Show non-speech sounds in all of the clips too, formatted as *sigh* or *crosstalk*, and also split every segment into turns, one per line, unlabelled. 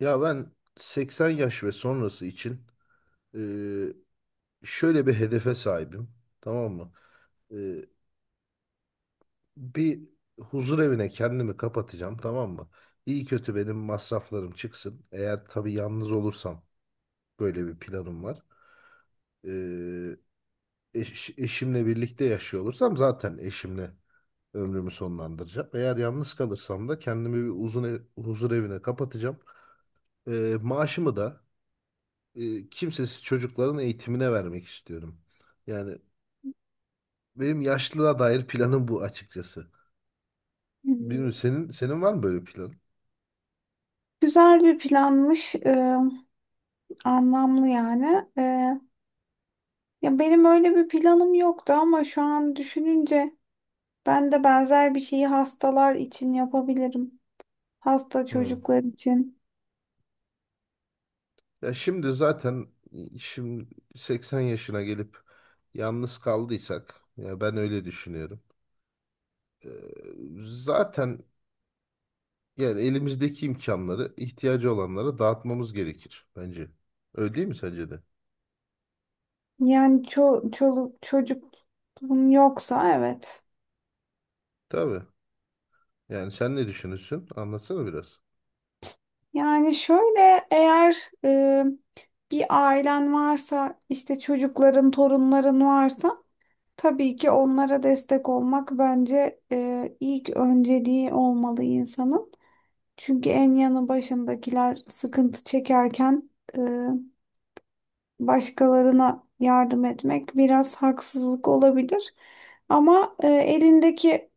Ya ben 80 yaş ve sonrası için e, şöyle bir hedefe sahibim. Tamam mı? E, bir huzur evine kendimi kapatacağım. Tamam mı? İyi kötü benim masraflarım çıksın. Eğer tabii yalnız olursam böyle bir planım var. E, eşimle birlikte yaşıyor olursam zaten eşimle ömrümü sonlandıracağım. Eğer yalnız kalırsam da kendimi bir huzur evine kapatacağım. E, maaşımı da kimsesiz çocukların eğitimine vermek istiyorum. Yani benim yaşlılığa dair planım bu açıkçası. Bilmiyorum,
Hmm.
senin var mı böyle plan?
Güzel bir planmış, anlamlı yani. Ya benim öyle bir planım yoktu ama şu an düşününce ben de benzer bir şeyi hastalar için yapabilirim. Hasta
Hı.
çocuklar için.
Ya şimdi zaten şimdi 80 yaşına gelip yalnız kaldıysak, ya ben öyle düşünüyorum. Ee, zaten yani elimizdeki imkanları ihtiyacı olanlara dağıtmamız gerekir bence. Öyle değil mi sence de?
Yani çoluk çocuk yoksa evet.
Tabii. Yani sen ne düşünürsün? Anlatsana biraz.
Yani şöyle eğer e, bir ailen varsa işte çocukların, torunların varsa. Tabii ki onlara destek olmak bence ilk önceliği olmalı insanın. Çünkü en yanı başındakiler sıkıntı çekerken e, başkalarına yardım etmek biraz haksızlık olabilir. Ama elindeki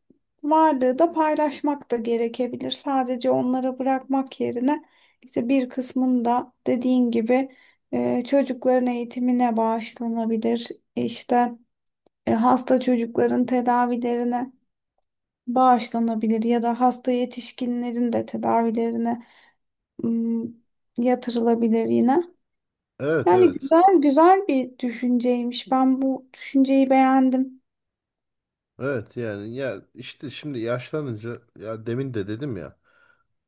varlığı da paylaşmak da gerekebilir. Sadece onlara bırakmak yerine işte bir kısmını da dediğin gibi çocukların eğitimine bağışlanabilir. İşte hasta çocukların tedavilerine bağışlanabilir ya da hasta yetişkinlerin de tedavilerine ım, yatırılabilir yine.
Evet,
Yani
evet.
güzel güzel bir düşünceymiş. Ben bu düşünceyi beğendim.
Evet yani, ya işte şimdi yaşlanınca, ya demin de dedim ya,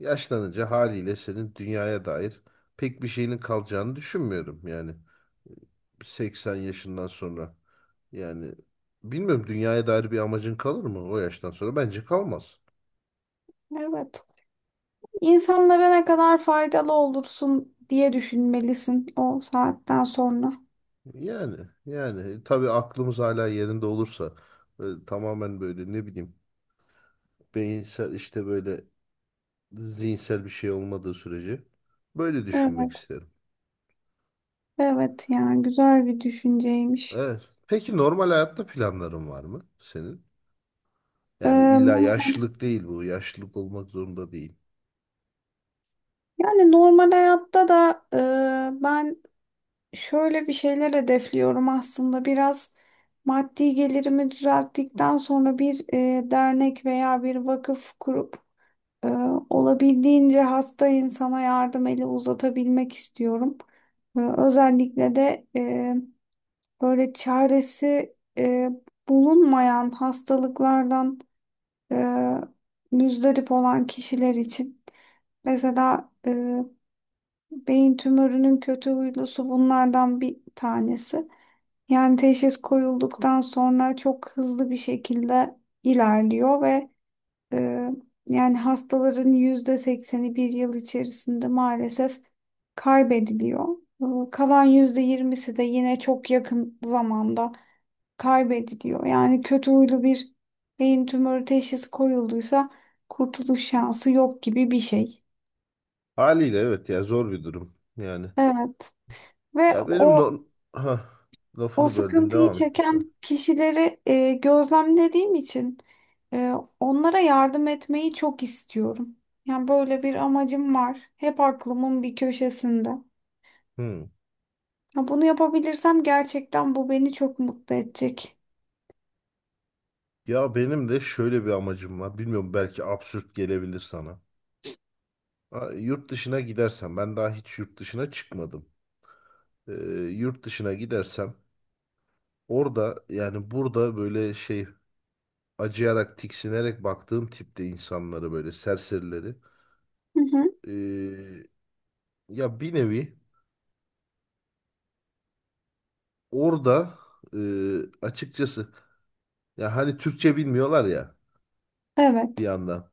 yaşlanınca haliyle senin dünyaya dair pek bir şeyinin kalacağını düşünmüyorum. Yani 80 yaşından sonra, yani bilmiyorum, dünyaya dair bir amacın kalır mı o yaştan sonra? Bence kalmaz.
Evet. İnsanlara ne kadar faydalı olursun diye düşünmelisin o saatten sonra.
Yani tabii aklımız hala yerinde olursa, tamamen böyle, ne bileyim, beyinsel, işte böyle zihinsel bir şey olmadığı sürece böyle düşünmek
Evet,
isterim.
evet yani güzel bir düşünceymiş.
Evet. Peki normal hayatta planların var mı senin?
Ee,
Yani illa
normal-
yaşlılık değil bu. Yaşlılık olmak zorunda değil.
yani normal hayatta da ben şöyle bir şeyler hedefliyorum aslında biraz maddi gelirimi düzelttikten sonra bir dernek veya bir vakıf kurup e, olabildiğince hasta insana yardım eli uzatabilmek istiyorum. Özellikle de böyle çaresi bulunmayan hastalıklardan e, müzdarip olan kişiler için. Mesela beyin tümörünün kötü huylusu bunlardan bir tanesi. Yani teşhis koyulduktan sonra çok hızlı bir şekilde ilerliyor ve e, yani hastaların yüzde sekseni bir yıl içerisinde maalesef kaybediliyor. Kalan yüzde yirmisi de yine çok yakın zamanda kaybediliyor. Yani kötü huylu bir beyin tümörü teşhisi koyulduysa kurtuluş şansı yok gibi bir şey.
Haliyle evet, ya zor bir durum. Yani
Evet ve
ya benim
o
no, ha,
O
lafını böldüm,
sıkıntıyı
devam et lütfen.
çeken kişileri gözlemlediğim için e, onlara yardım etmeyi çok istiyorum. Yani böyle bir amacım var. Hep aklımın bir köşesinde.
Hmm.
Ya bunu yapabilirsem gerçekten bu beni çok mutlu edecek.
Ya benim de şöyle bir amacım var. Bilmiyorum, belki absürt gelebilir sana. Ha, yurt dışına gidersem, ben daha hiç yurt dışına çıkmadım. Ee, yurt dışına gidersem orada, yani burada böyle şey, acıyarak tiksinerek baktığım tipte insanları, böyle serserileri,
Hı hı.
e, ya bir nevi orada, e, açıkçası, ya hani Türkçe bilmiyorlar ya bir
Evet.
yandan.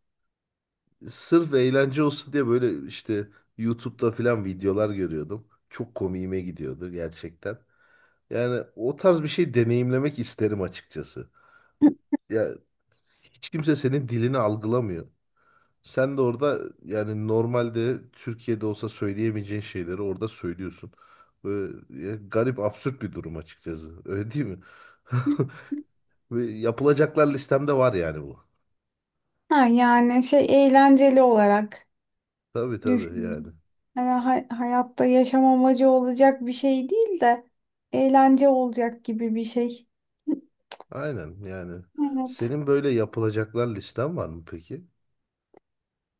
Sırf eğlence olsun diye böyle işte YouTube'da falan videolar görüyordum. Çok komiğime gidiyordu gerçekten. Yani o tarz bir şey deneyimlemek isterim açıkçası. Ya hiç kimse senin dilini algılamıyor. Sen de orada, yani normalde Türkiye'de olsa söyleyemeyeceğin şeyleri orada söylüyorsun. Böyle ya, garip absürt bir durum açıkçası. Öyle değil mi? *laughs* Ve yapılacaklar listemde var yani bu.
Ha, yani şey eğlenceli olarak
Tabii, tabii yani.
düşünüyorum. Yani hayatta yaşam amacı olacak bir şey değil de eğlence olacak gibi bir şey.
Aynen yani.
Evet.
Senin böyle yapılacaklar listen var mı peki?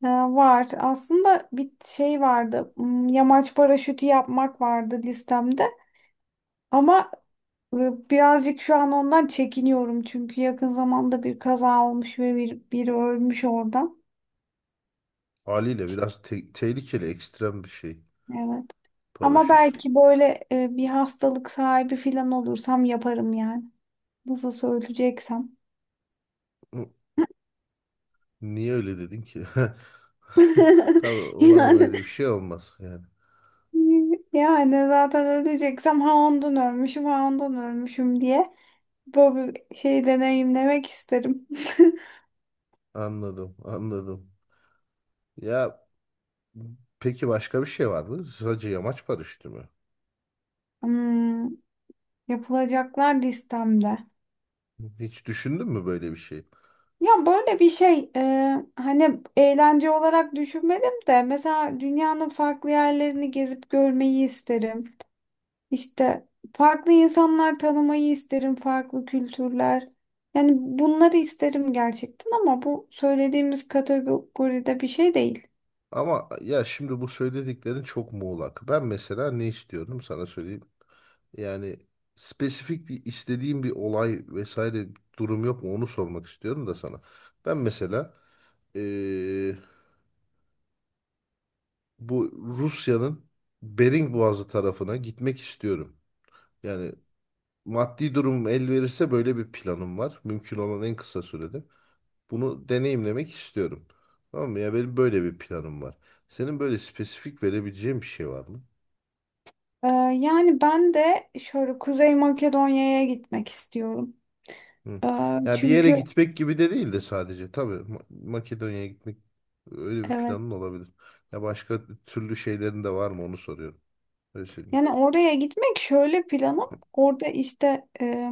Var. Aslında bir şey vardı. Yamaç paraşütü yapmak vardı listemde. Ama birazcık şu an ondan çekiniyorum. Çünkü yakın zamanda bir kaza olmuş ve biri ölmüş orada.
Haliyle biraz tehlikeli, ekstrem bir şey.
Evet. Ama
Paraşüt.
belki böyle bir hastalık sahibi falan olursam yaparım yani. Nasıl söyleyeceksem.
Hı, niye öyle dedin ki? *laughs*
*laughs*
Tabii umarım
Yani
öyle bir şey olmaz yani.
Yani zaten öleceksem ha ondan ölmüşüm ha ondan ölmüşüm diye. Bu şeyi deneyimlemek isterim. *laughs*
Anladım, anladım. Ya peki başka bir şey var mı? Sadece yamaç paraşütü mü?
Hmm, yapılacaklar listemde.
Hiç düşündün mü böyle bir şey?
Ya böyle bir şey hani eğlence olarak düşünmedim de mesela dünyanın farklı yerlerini gezip görmeyi isterim. İşte farklı insanlar tanımayı isterim, farklı kültürler. Yani bunları isterim gerçekten ama bu söylediğimiz kategoride bir şey değil.
Ama ya şimdi bu söylediklerin çok muğlak. Ben mesela ne istiyorum sana söyleyeyim. Yani spesifik bir istediğim bir olay vesaire durum yok mu, onu sormak istiyorum da sana. Ben mesela eee, bu Rusya'nın Bering Boğazı tarafına gitmek istiyorum. Yani maddi durum el verirse böyle bir planım var. Mümkün olan en kısa sürede. Bunu deneyimlemek istiyorum. Tamam mı? Ya benim böyle bir planım var. Senin böyle spesifik verebileceğin bir şey var mı?
Ee, yani ben de şöyle Kuzey Makedonya'ya gitmek istiyorum.
Hı. Yani bir yere
Çünkü.
gitmek gibi de değil de sadece. Tabii Makedonya'ya gitmek, öyle bir
Evet.
planın olabilir. Ya başka türlü şeylerin de var mı, onu soruyorum. Öyle söyleyeyim.
Yani oraya gitmek şöyle planım. Orada işte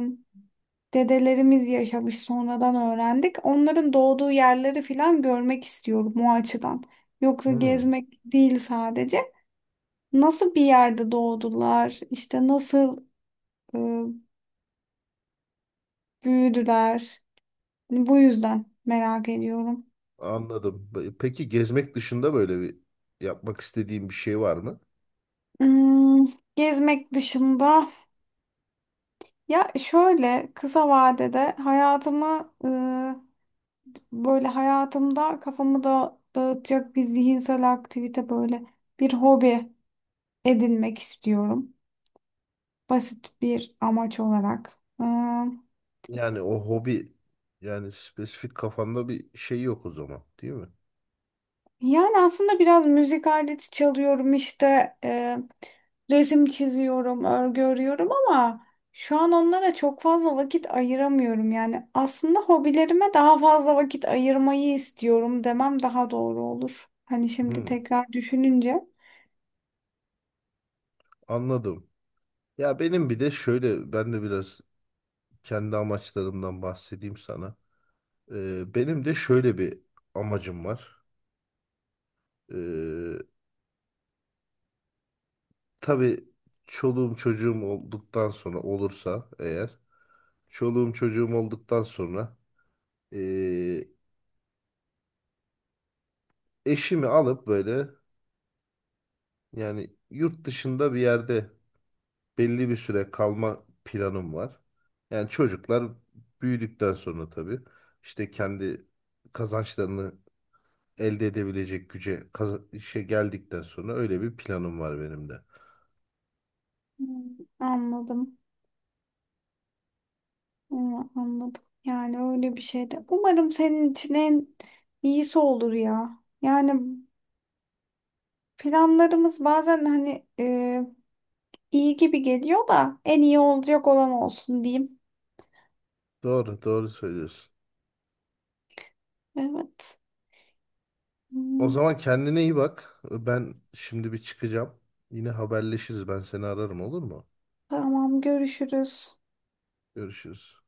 dedelerimiz yaşamış sonradan öğrendik. Onların doğduğu yerleri falan görmek istiyorum o açıdan. Yoksa
Hı,
gezmek değil sadece. Nasıl bir yerde doğdular, işte nasıl e, büyüdüler. Hani bu yüzden merak ediyorum.
anladım. Peki gezmek dışında böyle bir yapmak istediğin bir şey var mı?
Hmm, gezmek dışında ya şöyle kısa vadede hayatımı böyle hayatımda kafamı da dağıtacak bir zihinsel aktivite böyle bir hobi edinmek istiyorum. Basit bir amaç olarak.
Yani o hobi, yani spesifik kafanda bir şey yok o zaman, değil mi?
Yani aslında biraz müzik aleti çalıyorum işte resim çiziyorum, örgü örüyorum ama şu an onlara çok fazla vakit ayıramıyorum. Yani aslında hobilerime daha fazla vakit ayırmayı istiyorum demem daha doğru olur. Hani şimdi
Hı,
tekrar düşününce.
anladım. Ya benim bir de şöyle, ben de biraz kendi amaçlarımdan bahsedeyim sana. Benim de şöyle bir amacım var. Ee, tabii çoluğum çocuğum olduktan sonra olursa eğer çoluğum çocuğum olduktan sonra ee, eşimi alıp böyle, yani yurt dışında bir yerde belli bir süre kalma planım var. Yani çocuklar büyüdükten sonra tabii işte kendi kazançlarını elde edebilecek güce işe geldikten sonra öyle bir planım var benim de.
Hmm, Anladım. Hı, anladım. Yani öyle bir şey de. Umarım senin için en iyisi olur ya. Yani planlarımız bazen hani iyi gibi geliyor da en iyi olacak olan olsun diyeyim.
Doğru, doğru söylüyorsun.
Evet.
O
Hı,
zaman kendine iyi bak. Ben şimdi bir çıkacağım. Yine haberleşiriz. Ben seni ararım, olur mu?
tamam görüşürüz.
Görüşürüz.